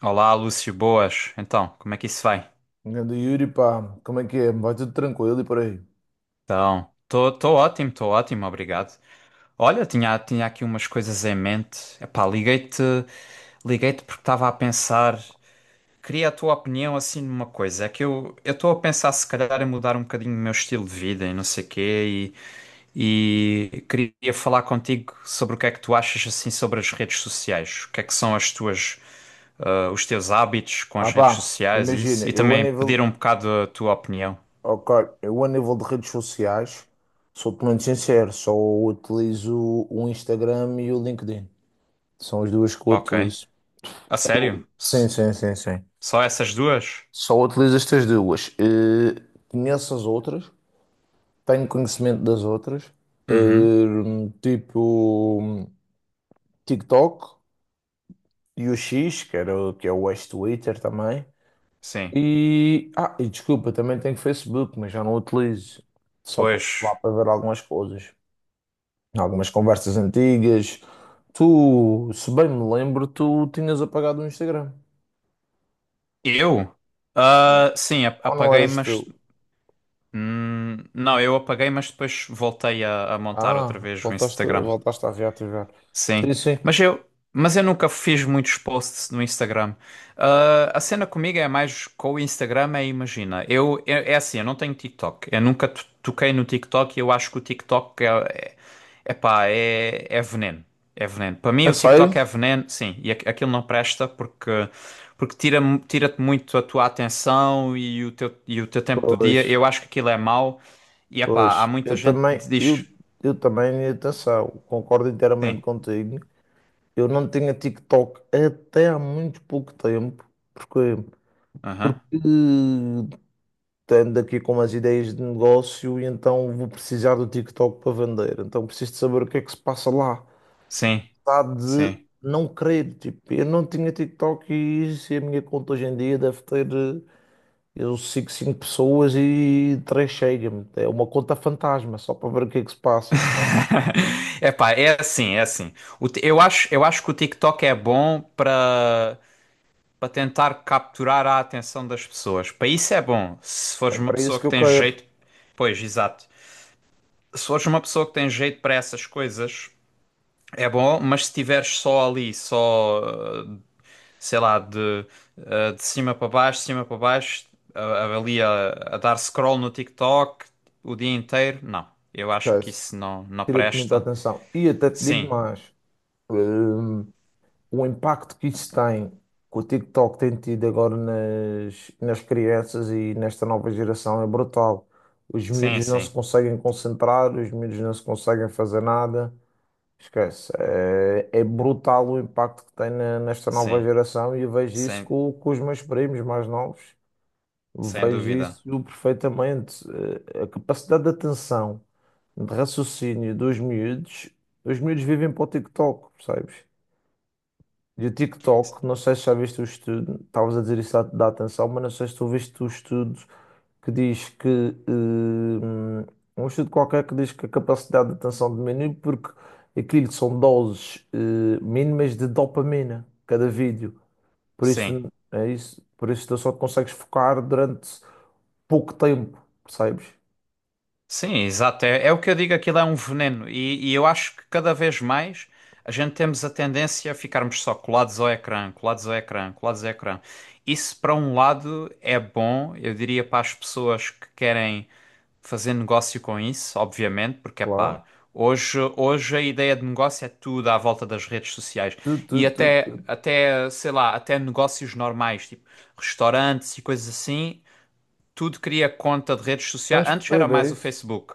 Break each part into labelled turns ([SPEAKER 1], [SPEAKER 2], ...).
[SPEAKER 1] Olá, Lúcio, boas. Então, como é que isso vai?
[SPEAKER 2] Grande Yuri, pá, como é que é? Vai tudo tranquilo e por aí?
[SPEAKER 1] Então, estou ótimo, obrigado. Olha, tinha aqui umas coisas em mente. Epá, liguei-te porque estava a pensar, queria a tua opinião assim numa coisa. É que eu estou a pensar se calhar em mudar um bocadinho o meu estilo de vida e não sei quê e queria falar contigo sobre o que é que tu achas assim sobre as redes sociais. O que é que são as tuas os teus hábitos com
[SPEAKER 2] Ah,
[SPEAKER 1] as redes
[SPEAKER 2] pá,
[SPEAKER 1] sociais e
[SPEAKER 2] imagina,
[SPEAKER 1] isso, e também pedir um bocado a tua opinião.
[SPEAKER 2] ok, eu a nível de redes sociais, sou-te muito sincero, só utilizo o Instagram e o LinkedIn. São as duas que eu
[SPEAKER 1] Ok.
[SPEAKER 2] utilizo.
[SPEAKER 1] A sério?
[SPEAKER 2] Sim, sim, sim, sim.
[SPEAKER 1] Só essas duas?
[SPEAKER 2] Só utilizo estas duas. Conheço as outras, tenho conhecimento das outras.
[SPEAKER 1] Uhum.
[SPEAKER 2] Tipo TikTok e o X, que é o ex-Twitter também.
[SPEAKER 1] Sim.
[SPEAKER 2] E desculpa, também tenho Facebook, mas já não utilizo. Só passo
[SPEAKER 1] Pois.
[SPEAKER 2] lá para ver algumas coisas, algumas conversas antigas. Tu, se bem me lembro, tu tinhas apagado o Instagram.
[SPEAKER 1] Eu? Ah, sim,
[SPEAKER 2] Ou não
[SPEAKER 1] apaguei,
[SPEAKER 2] eras tu?
[SPEAKER 1] mas. Não, eu apaguei, mas depois voltei a montar outra
[SPEAKER 2] Ah,
[SPEAKER 1] vez o
[SPEAKER 2] voltaste,
[SPEAKER 1] Instagram.
[SPEAKER 2] voltaste a reativar.
[SPEAKER 1] Sim,
[SPEAKER 2] Sim, sim.
[SPEAKER 1] mas eu, mas eu nunca fiz muitos posts no Instagram. Ah, a cena comigo é mais com o Instagram, é imagina. Eu, é assim, eu não tenho TikTok. Eu nunca toquei no TikTok e eu acho que o TikTok é, epá, é veneno. É veneno. Para mim,
[SPEAKER 2] É
[SPEAKER 1] o
[SPEAKER 2] sério?
[SPEAKER 1] TikTok é veneno, sim, e aquilo não presta porque, porque tira, tira-te muito a tua atenção e e o teu tempo do dia.
[SPEAKER 2] Pois,
[SPEAKER 1] Eu acho que aquilo é mau e epá, há
[SPEAKER 2] pois.
[SPEAKER 1] muita
[SPEAKER 2] Eu
[SPEAKER 1] gente
[SPEAKER 2] também,
[SPEAKER 1] que
[SPEAKER 2] eu,
[SPEAKER 1] diz.
[SPEAKER 2] eu também, atenção, concordo
[SPEAKER 1] Sim,
[SPEAKER 2] inteiramente contigo. Eu não tinha TikTok até há muito pouco tempo. Porquê?
[SPEAKER 1] aham,
[SPEAKER 2] Porque estando aqui com umas ideias de negócio e então vou precisar do TikTok para vender. Então preciso de saber o que é que se passa lá.
[SPEAKER 1] sim,
[SPEAKER 2] Está de
[SPEAKER 1] sim.
[SPEAKER 2] não crer, tipo, eu não tinha TikTok e isso, e a minha conta hoje em dia deve ter, eu sigo 5 pessoas e 3 chega-me. É uma conta fantasma, só para ver o que é que se passa. Percebe?
[SPEAKER 1] É pá, é assim. Eu acho que o TikTok é bom para para tentar capturar a atenção das pessoas. Para isso é bom. Se
[SPEAKER 2] É
[SPEAKER 1] fores uma
[SPEAKER 2] para isso
[SPEAKER 1] pessoa
[SPEAKER 2] que
[SPEAKER 1] que
[SPEAKER 2] eu
[SPEAKER 1] tem
[SPEAKER 2] quero.
[SPEAKER 1] jeito, pois, exato. Se fores uma pessoa que tem jeito para essas coisas, é bom, mas se estiveres só ali, só, eh, sei lá, de cima para baixo, de cima para baixo, ali a dar scroll no TikTok o dia inteiro, não. Eu acho que
[SPEAKER 2] Esquece.
[SPEAKER 1] isso não, não
[SPEAKER 2] Tira-te muita
[SPEAKER 1] presta.
[SPEAKER 2] atenção. E até te digo
[SPEAKER 1] Sim.
[SPEAKER 2] mais. Hum, o impacto que isso tem, que o TikTok tem tido agora nas crianças e nesta nova geração é brutal. Os
[SPEAKER 1] Sim,
[SPEAKER 2] miúdos não se
[SPEAKER 1] sim,
[SPEAKER 2] conseguem concentrar, os miúdos não se conseguem fazer nada. Esquece. É brutal o impacto que tem nesta nova
[SPEAKER 1] sim,
[SPEAKER 2] geração, e eu vejo isso
[SPEAKER 1] sem,
[SPEAKER 2] com os meus primos mais novos.
[SPEAKER 1] sem
[SPEAKER 2] Vejo
[SPEAKER 1] dúvida.
[SPEAKER 2] isso perfeitamente. A capacidade de atenção, de raciocínio dos miúdos, os miúdos vivem para o TikTok, percebes? E o
[SPEAKER 1] S-
[SPEAKER 2] TikTok, não sei se já viste o estudo, estavas a dizer isso da atenção, mas não sei se tu viste o estudo que diz que, hum, um estudo qualquer que diz que a capacidade de atenção diminui porque aquilo que são doses, mínimas de dopamina, cada vídeo. Por
[SPEAKER 1] Sim.
[SPEAKER 2] isso, é isso, por isso tu só te consegues focar durante pouco tempo, percebes?
[SPEAKER 1] Sim, exato. É o que eu digo, aquilo é um veneno. E eu acho que cada vez mais a gente temos a tendência a ficarmos só colados ao ecrã, colados ao ecrã, colados ao ecrã. Isso, para um lado, é bom, eu diria para as pessoas que querem fazer negócio com isso, obviamente, porque é
[SPEAKER 2] Claro.
[SPEAKER 1] pá, hoje a ideia de negócio é tudo à volta das redes sociais.
[SPEAKER 2] Tu, tu,
[SPEAKER 1] E
[SPEAKER 2] tu, tu.
[SPEAKER 1] até, sei lá, até negócios normais, tipo restaurantes e coisas assim, tudo cria conta de redes sociais.
[SPEAKER 2] Tens que
[SPEAKER 1] Antes era
[SPEAKER 2] ter
[SPEAKER 1] mais o
[SPEAKER 2] isso.
[SPEAKER 1] Facebook.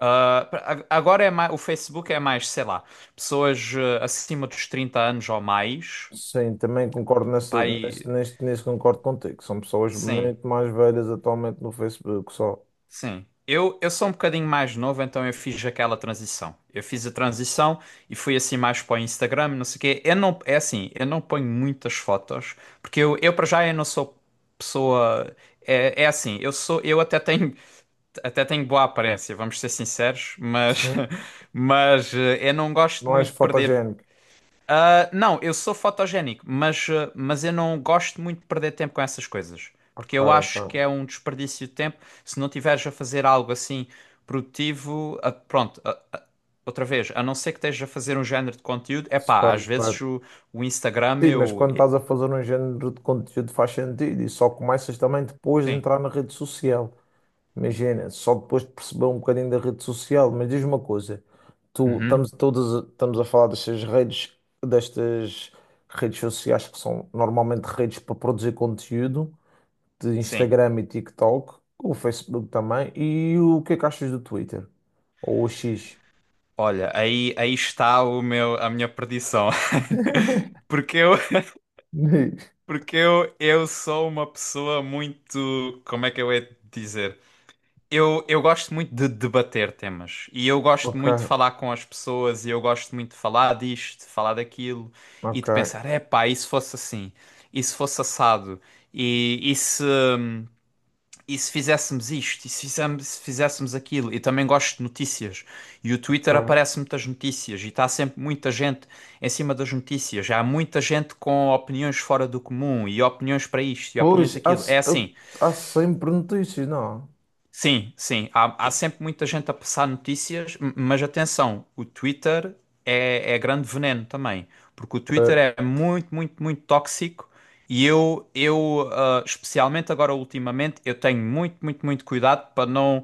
[SPEAKER 1] Ah, agora é mais, o Facebook é mais, sei lá, pessoas acima dos 30 anos ou mais.
[SPEAKER 2] Sim, também concordo
[SPEAKER 1] Pai,
[SPEAKER 2] nisso, concordo contigo. São pessoas
[SPEAKER 1] sim,
[SPEAKER 2] muito mais velhas atualmente no Facebook só.
[SPEAKER 1] sim. Eu sou um bocadinho mais novo, então eu fiz aquela transição. Eu fiz a transição e fui assim mais para o Instagram, não sei o quê. Eu não, é assim, eu não ponho muitas fotos, porque eu para já eu não sou pessoa. É assim, eu até tenho boa aparência, vamos ser sinceros, mas,
[SPEAKER 2] Sim.
[SPEAKER 1] mas eu não gosto
[SPEAKER 2] Não és
[SPEAKER 1] muito de perder
[SPEAKER 2] fotogénico.
[SPEAKER 1] Ah, não, eu sou fotogénico, mas, ah, mas eu não gosto muito de perder tempo com essas coisas.
[SPEAKER 2] Ok,
[SPEAKER 1] Porque eu
[SPEAKER 2] ok.
[SPEAKER 1] acho que é um desperdício de tempo se não tiveres a fazer algo assim produtivo. Pronto, outra vez, a não ser que estejas a fazer um género de conteúdo, é pá,
[SPEAKER 2] Certo,
[SPEAKER 1] às vezes
[SPEAKER 2] certo.
[SPEAKER 1] o Instagram
[SPEAKER 2] Sim, mas
[SPEAKER 1] eu.
[SPEAKER 2] quando
[SPEAKER 1] e-
[SPEAKER 2] estás a fazer um género de conteúdo faz sentido, e só começas também depois de
[SPEAKER 1] Sim.
[SPEAKER 2] entrar na rede social. Imagina, só depois de perceber um bocadinho da rede social. Mas diz uma coisa,
[SPEAKER 1] Uhum,
[SPEAKER 2] estamos a falar destas redes, destas sociais que são normalmente redes para produzir conteúdo, de
[SPEAKER 1] sim.
[SPEAKER 2] Instagram e TikTok, o Facebook também. E o que é que achas do Twitter? Ou o X?
[SPEAKER 1] Olha, aí está o meu, a minha perdição. Porque eu, porque eu sou uma pessoa muito. Como é que eu ia dizer? Eu gosto muito de debater temas e eu gosto
[SPEAKER 2] Ok,
[SPEAKER 1] muito de falar com as pessoas e eu gosto muito de falar disto, de falar daquilo e de
[SPEAKER 2] ok,
[SPEAKER 1] pensar, é epá, e se fosse assim? E se fosse assado? E, e se, e se fizéssemos isto? E se fizéssemos, se fizéssemos aquilo? E também gosto de notícias e o Twitter
[SPEAKER 2] ok.
[SPEAKER 1] aparece muitas notícias e está sempre muita gente em cima das notícias. Já há muita gente com opiniões fora do comum e opiniões para isto e opiniões
[SPEAKER 2] Pois, há,
[SPEAKER 1] aquilo. É
[SPEAKER 2] se- eu-
[SPEAKER 1] assim.
[SPEAKER 2] há sempre notícias, não?
[SPEAKER 1] Sim, sim. Há, há sempre muita gente a passar notícias, mas atenção, o Twitter é grande veneno também, porque o Twitter
[SPEAKER 2] Eh,
[SPEAKER 1] é muito, muito, muito tóxico e eu ah, especialmente agora ultimamente, eu tenho muito, muito, muito cuidado para não,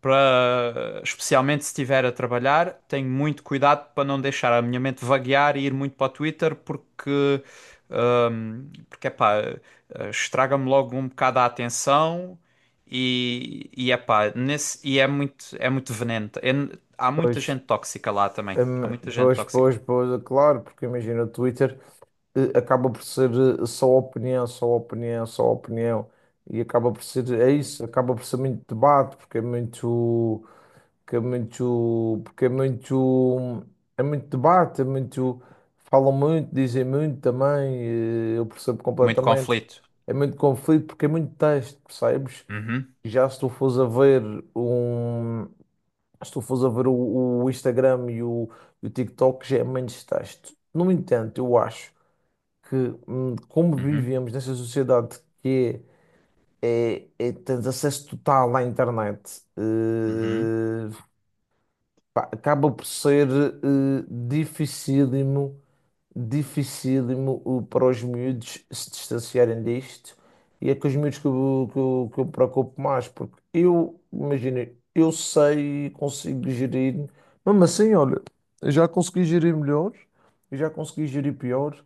[SPEAKER 1] para, especialmente se estiver a trabalhar, tenho muito cuidado para não deixar a minha mente vaguear e ir muito para o Twitter, porque porque, epá, estraga-me logo um bocado a atenção e epá, é muito veneno. Há muita
[SPEAKER 2] Pois,
[SPEAKER 1] gente tóxica lá também. Há muita gente
[SPEAKER 2] pois,
[SPEAKER 1] tóxica.
[SPEAKER 2] pois, pois, é claro, porque imagina, o Twitter acaba por ser só opinião, só opinião, só opinião, e acaba por ser, é isso, acaba por ser muito debate, porque é muito, que é muito, porque é muito debate, é muito, falam muito, dizem muito também, eu percebo
[SPEAKER 1] Muito
[SPEAKER 2] completamente.
[SPEAKER 1] conflito.
[SPEAKER 2] É muito conflito porque é muito texto, percebes?
[SPEAKER 1] Uhum,
[SPEAKER 2] Já se tu fores a ver um, se tu fores a ver o Instagram e o TikTok já é menos texto. No entanto, eu acho que, como
[SPEAKER 1] uhum,
[SPEAKER 2] vivemos nessa sociedade que é, tens acesso total à internet,
[SPEAKER 1] uhum,
[SPEAKER 2] pá, acaba por ser, dificílimo, dificílimo, para os miúdos se distanciarem disto. E é com os miúdos que eu, que eu, que eu me preocupo mais, porque eu, imagina, eu sei e consigo gerir, mesmo assim, olha, eu já consegui gerir melhor, eu já consegui gerir pior,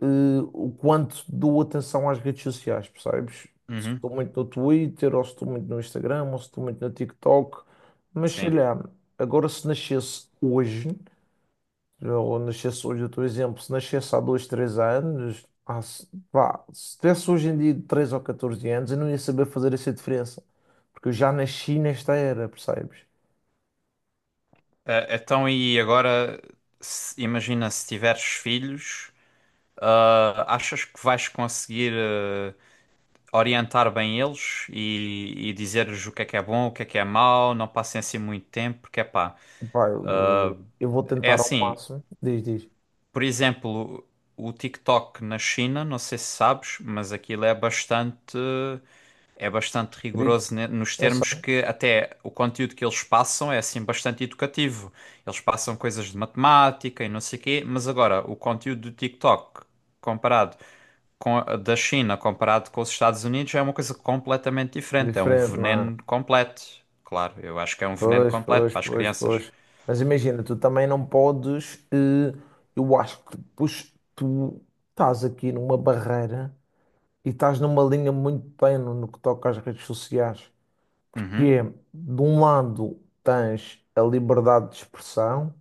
[SPEAKER 2] o quanto dou atenção às redes sociais, percebes? Se
[SPEAKER 1] uhum,
[SPEAKER 2] estou muito no Twitter, ou se estou muito no Instagram, ou se estou muito no TikTok, mas sei
[SPEAKER 1] sim.
[SPEAKER 2] lá, agora se nascesse hoje, ou nascesse hoje, eu estou exemplo, se nascesse há dois três anos, se, pá, se tivesse hoje em dia 13 ou 14 anos, eu não ia saber fazer essa diferença, porque eu já nasci nesta era, percebes?
[SPEAKER 1] Eh, e agora, imagina se tiveres filhos, ah, achas que vais conseguir. Orientar bem eles e dizer-lhes o que é bom, o que é mau, não passem assim muito tempo, porque é pá.
[SPEAKER 2] Pá, eu vou
[SPEAKER 1] É
[SPEAKER 2] tentar ao
[SPEAKER 1] assim,
[SPEAKER 2] máximo, diz, diz,
[SPEAKER 1] por exemplo, o TikTok na China, não sei se sabes, mas aquilo é bastante
[SPEAKER 2] escrito,
[SPEAKER 1] rigoroso nos
[SPEAKER 2] eu sei,
[SPEAKER 1] termos que até o conteúdo que eles passam é assim bastante educativo. Eles passam coisas de matemática e não sei o quê, mas agora o conteúdo do TikTok comparado com da China comparado com os Estados Unidos é uma coisa completamente diferente. É um
[SPEAKER 2] diferente, não
[SPEAKER 1] veneno
[SPEAKER 2] é?
[SPEAKER 1] completo. Claro, eu acho que é um veneno
[SPEAKER 2] Pois,
[SPEAKER 1] completo
[SPEAKER 2] pois,
[SPEAKER 1] para as
[SPEAKER 2] pois,
[SPEAKER 1] crianças.
[SPEAKER 2] pois. Mas imagina, tu também não podes. Eh, eu acho que depois tu estás aqui numa barreira e estás numa linha muito tênue no que toca às redes sociais.
[SPEAKER 1] Uhum,
[SPEAKER 2] Porque, de um lado, tens a liberdade de expressão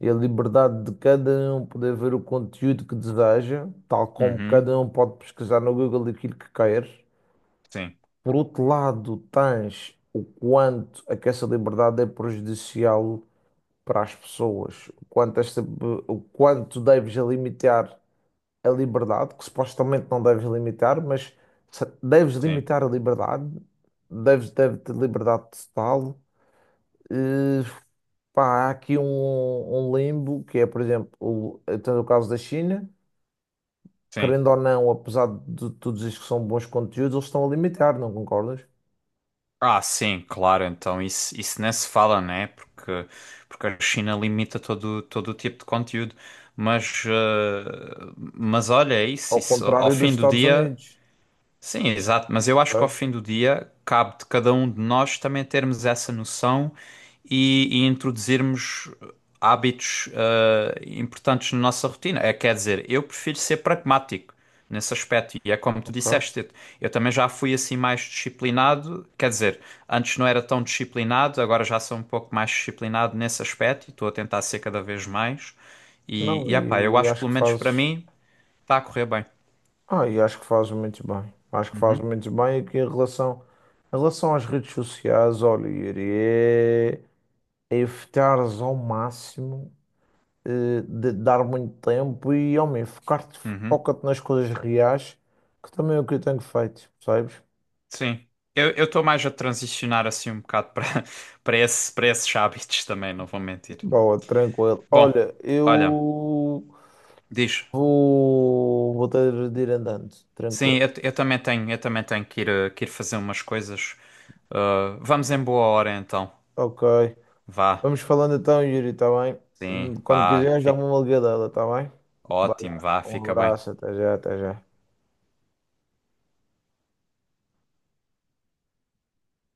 [SPEAKER 2] e a liberdade de cada um poder ver o conteúdo que deseja, tal como
[SPEAKER 1] uhum,
[SPEAKER 2] cada um pode pesquisar no Google aquilo que quer.
[SPEAKER 1] sim,
[SPEAKER 2] Por outro lado, tens o quanto é que essa liberdade é prejudicial para as pessoas, o quanto deves limitar a liberdade, que supostamente não deves limitar, mas deves
[SPEAKER 1] sim,
[SPEAKER 2] limitar a liberdade, deves ter liberdade total. Eh, Pá, há aqui um limbo que é, por exemplo, então, no caso da China,
[SPEAKER 1] sim.
[SPEAKER 2] querendo ou não, apesar de tu dizes que são bons conteúdos, eles estão a limitar, não concordas?
[SPEAKER 1] Ah, sim, claro, então isso nem se fala, né? Porque, porque a China limita todo, todo o tipo de conteúdo. Mas, mas olha, é isso,
[SPEAKER 2] Ao
[SPEAKER 1] isso. Ao
[SPEAKER 2] contrário dos
[SPEAKER 1] fim do
[SPEAKER 2] Estados
[SPEAKER 1] dia.
[SPEAKER 2] Unidos,
[SPEAKER 1] Sim, exato, mas eu acho que ao
[SPEAKER 2] sabes?
[SPEAKER 1] fim do dia cabe de cada um de nós também termos essa noção e introduzirmos hábitos importantes na nossa rotina. É, quer dizer, eu prefiro ser pragmático nesse aspecto e é como tu
[SPEAKER 2] Ok.
[SPEAKER 1] disseste, eu também já fui assim mais disciplinado, quer dizer, antes não era tão disciplinado, agora já sou um pouco mais disciplinado nesse aspecto e estou a tentar ser cada vez mais e,
[SPEAKER 2] Não,
[SPEAKER 1] e epá, eu
[SPEAKER 2] e
[SPEAKER 1] acho que
[SPEAKER 2] acho
[SPEAKER 1] pelo
[SPEAKER 2] que
[SPEAKER 1] menos para
[SPEAKER 2] fazes.
[SPEAKER 1] mim está a correr bem.
[SPEAKER 2] Ah, e acho que faz muito bem. Acho que faz muito bem aqui em relação, às redes sociais, olha, Yuri, é evitares ao máximo, de dar muito tempo, e, homem, focar-te,
[SPEAKER 1] Uhum.
[SPEAKER 2] foca-te nas coisas reais, que também é o que eu tenho feito, percebes?
[SPEAKER 1] Sim. Eu estou mais a transicionar assim um bocado para para esse, para esses hábitos também, não vou mentir.
[SPEAKER 2] Boa, tranquilo.
[SPEAKER 1] Bom,
[SPEAKER 2] Olha, eu
[SPEAKER 1] olha, diz.
[SPEAKER 2] vou ter de ir andando,
[SPEAKER 1] Sim,
[SPEAKER 2] tranquilo.
[SPEAKER 1] eu também tenho que ir, que ir fazer umas coisas. Ah, vamos em boa hora então.
[SPEAKER 2] Ok.
[SPEAKER 1] Vá.
[SPEAKER 2] Vamos falando então, Yuri, está bem?
[SPEAKER 1] Sim,
[SPEAKER 2] Quando
[SPEAKER 1] vá.
[SPEAKER 2] quiseres,
[SPEAKER 1] Fica
[SPEAKER 2] dá-me uma ligadela, está bem? Vai
[SPEAKER 1] ótimo,
[SPEAKER 2] lá.
[SPEAKER 1] vá,
[SPEAKER 2] Um
[SPEAKER 1] fica bem.
[SPEAKER 2] abraço, até já, até já.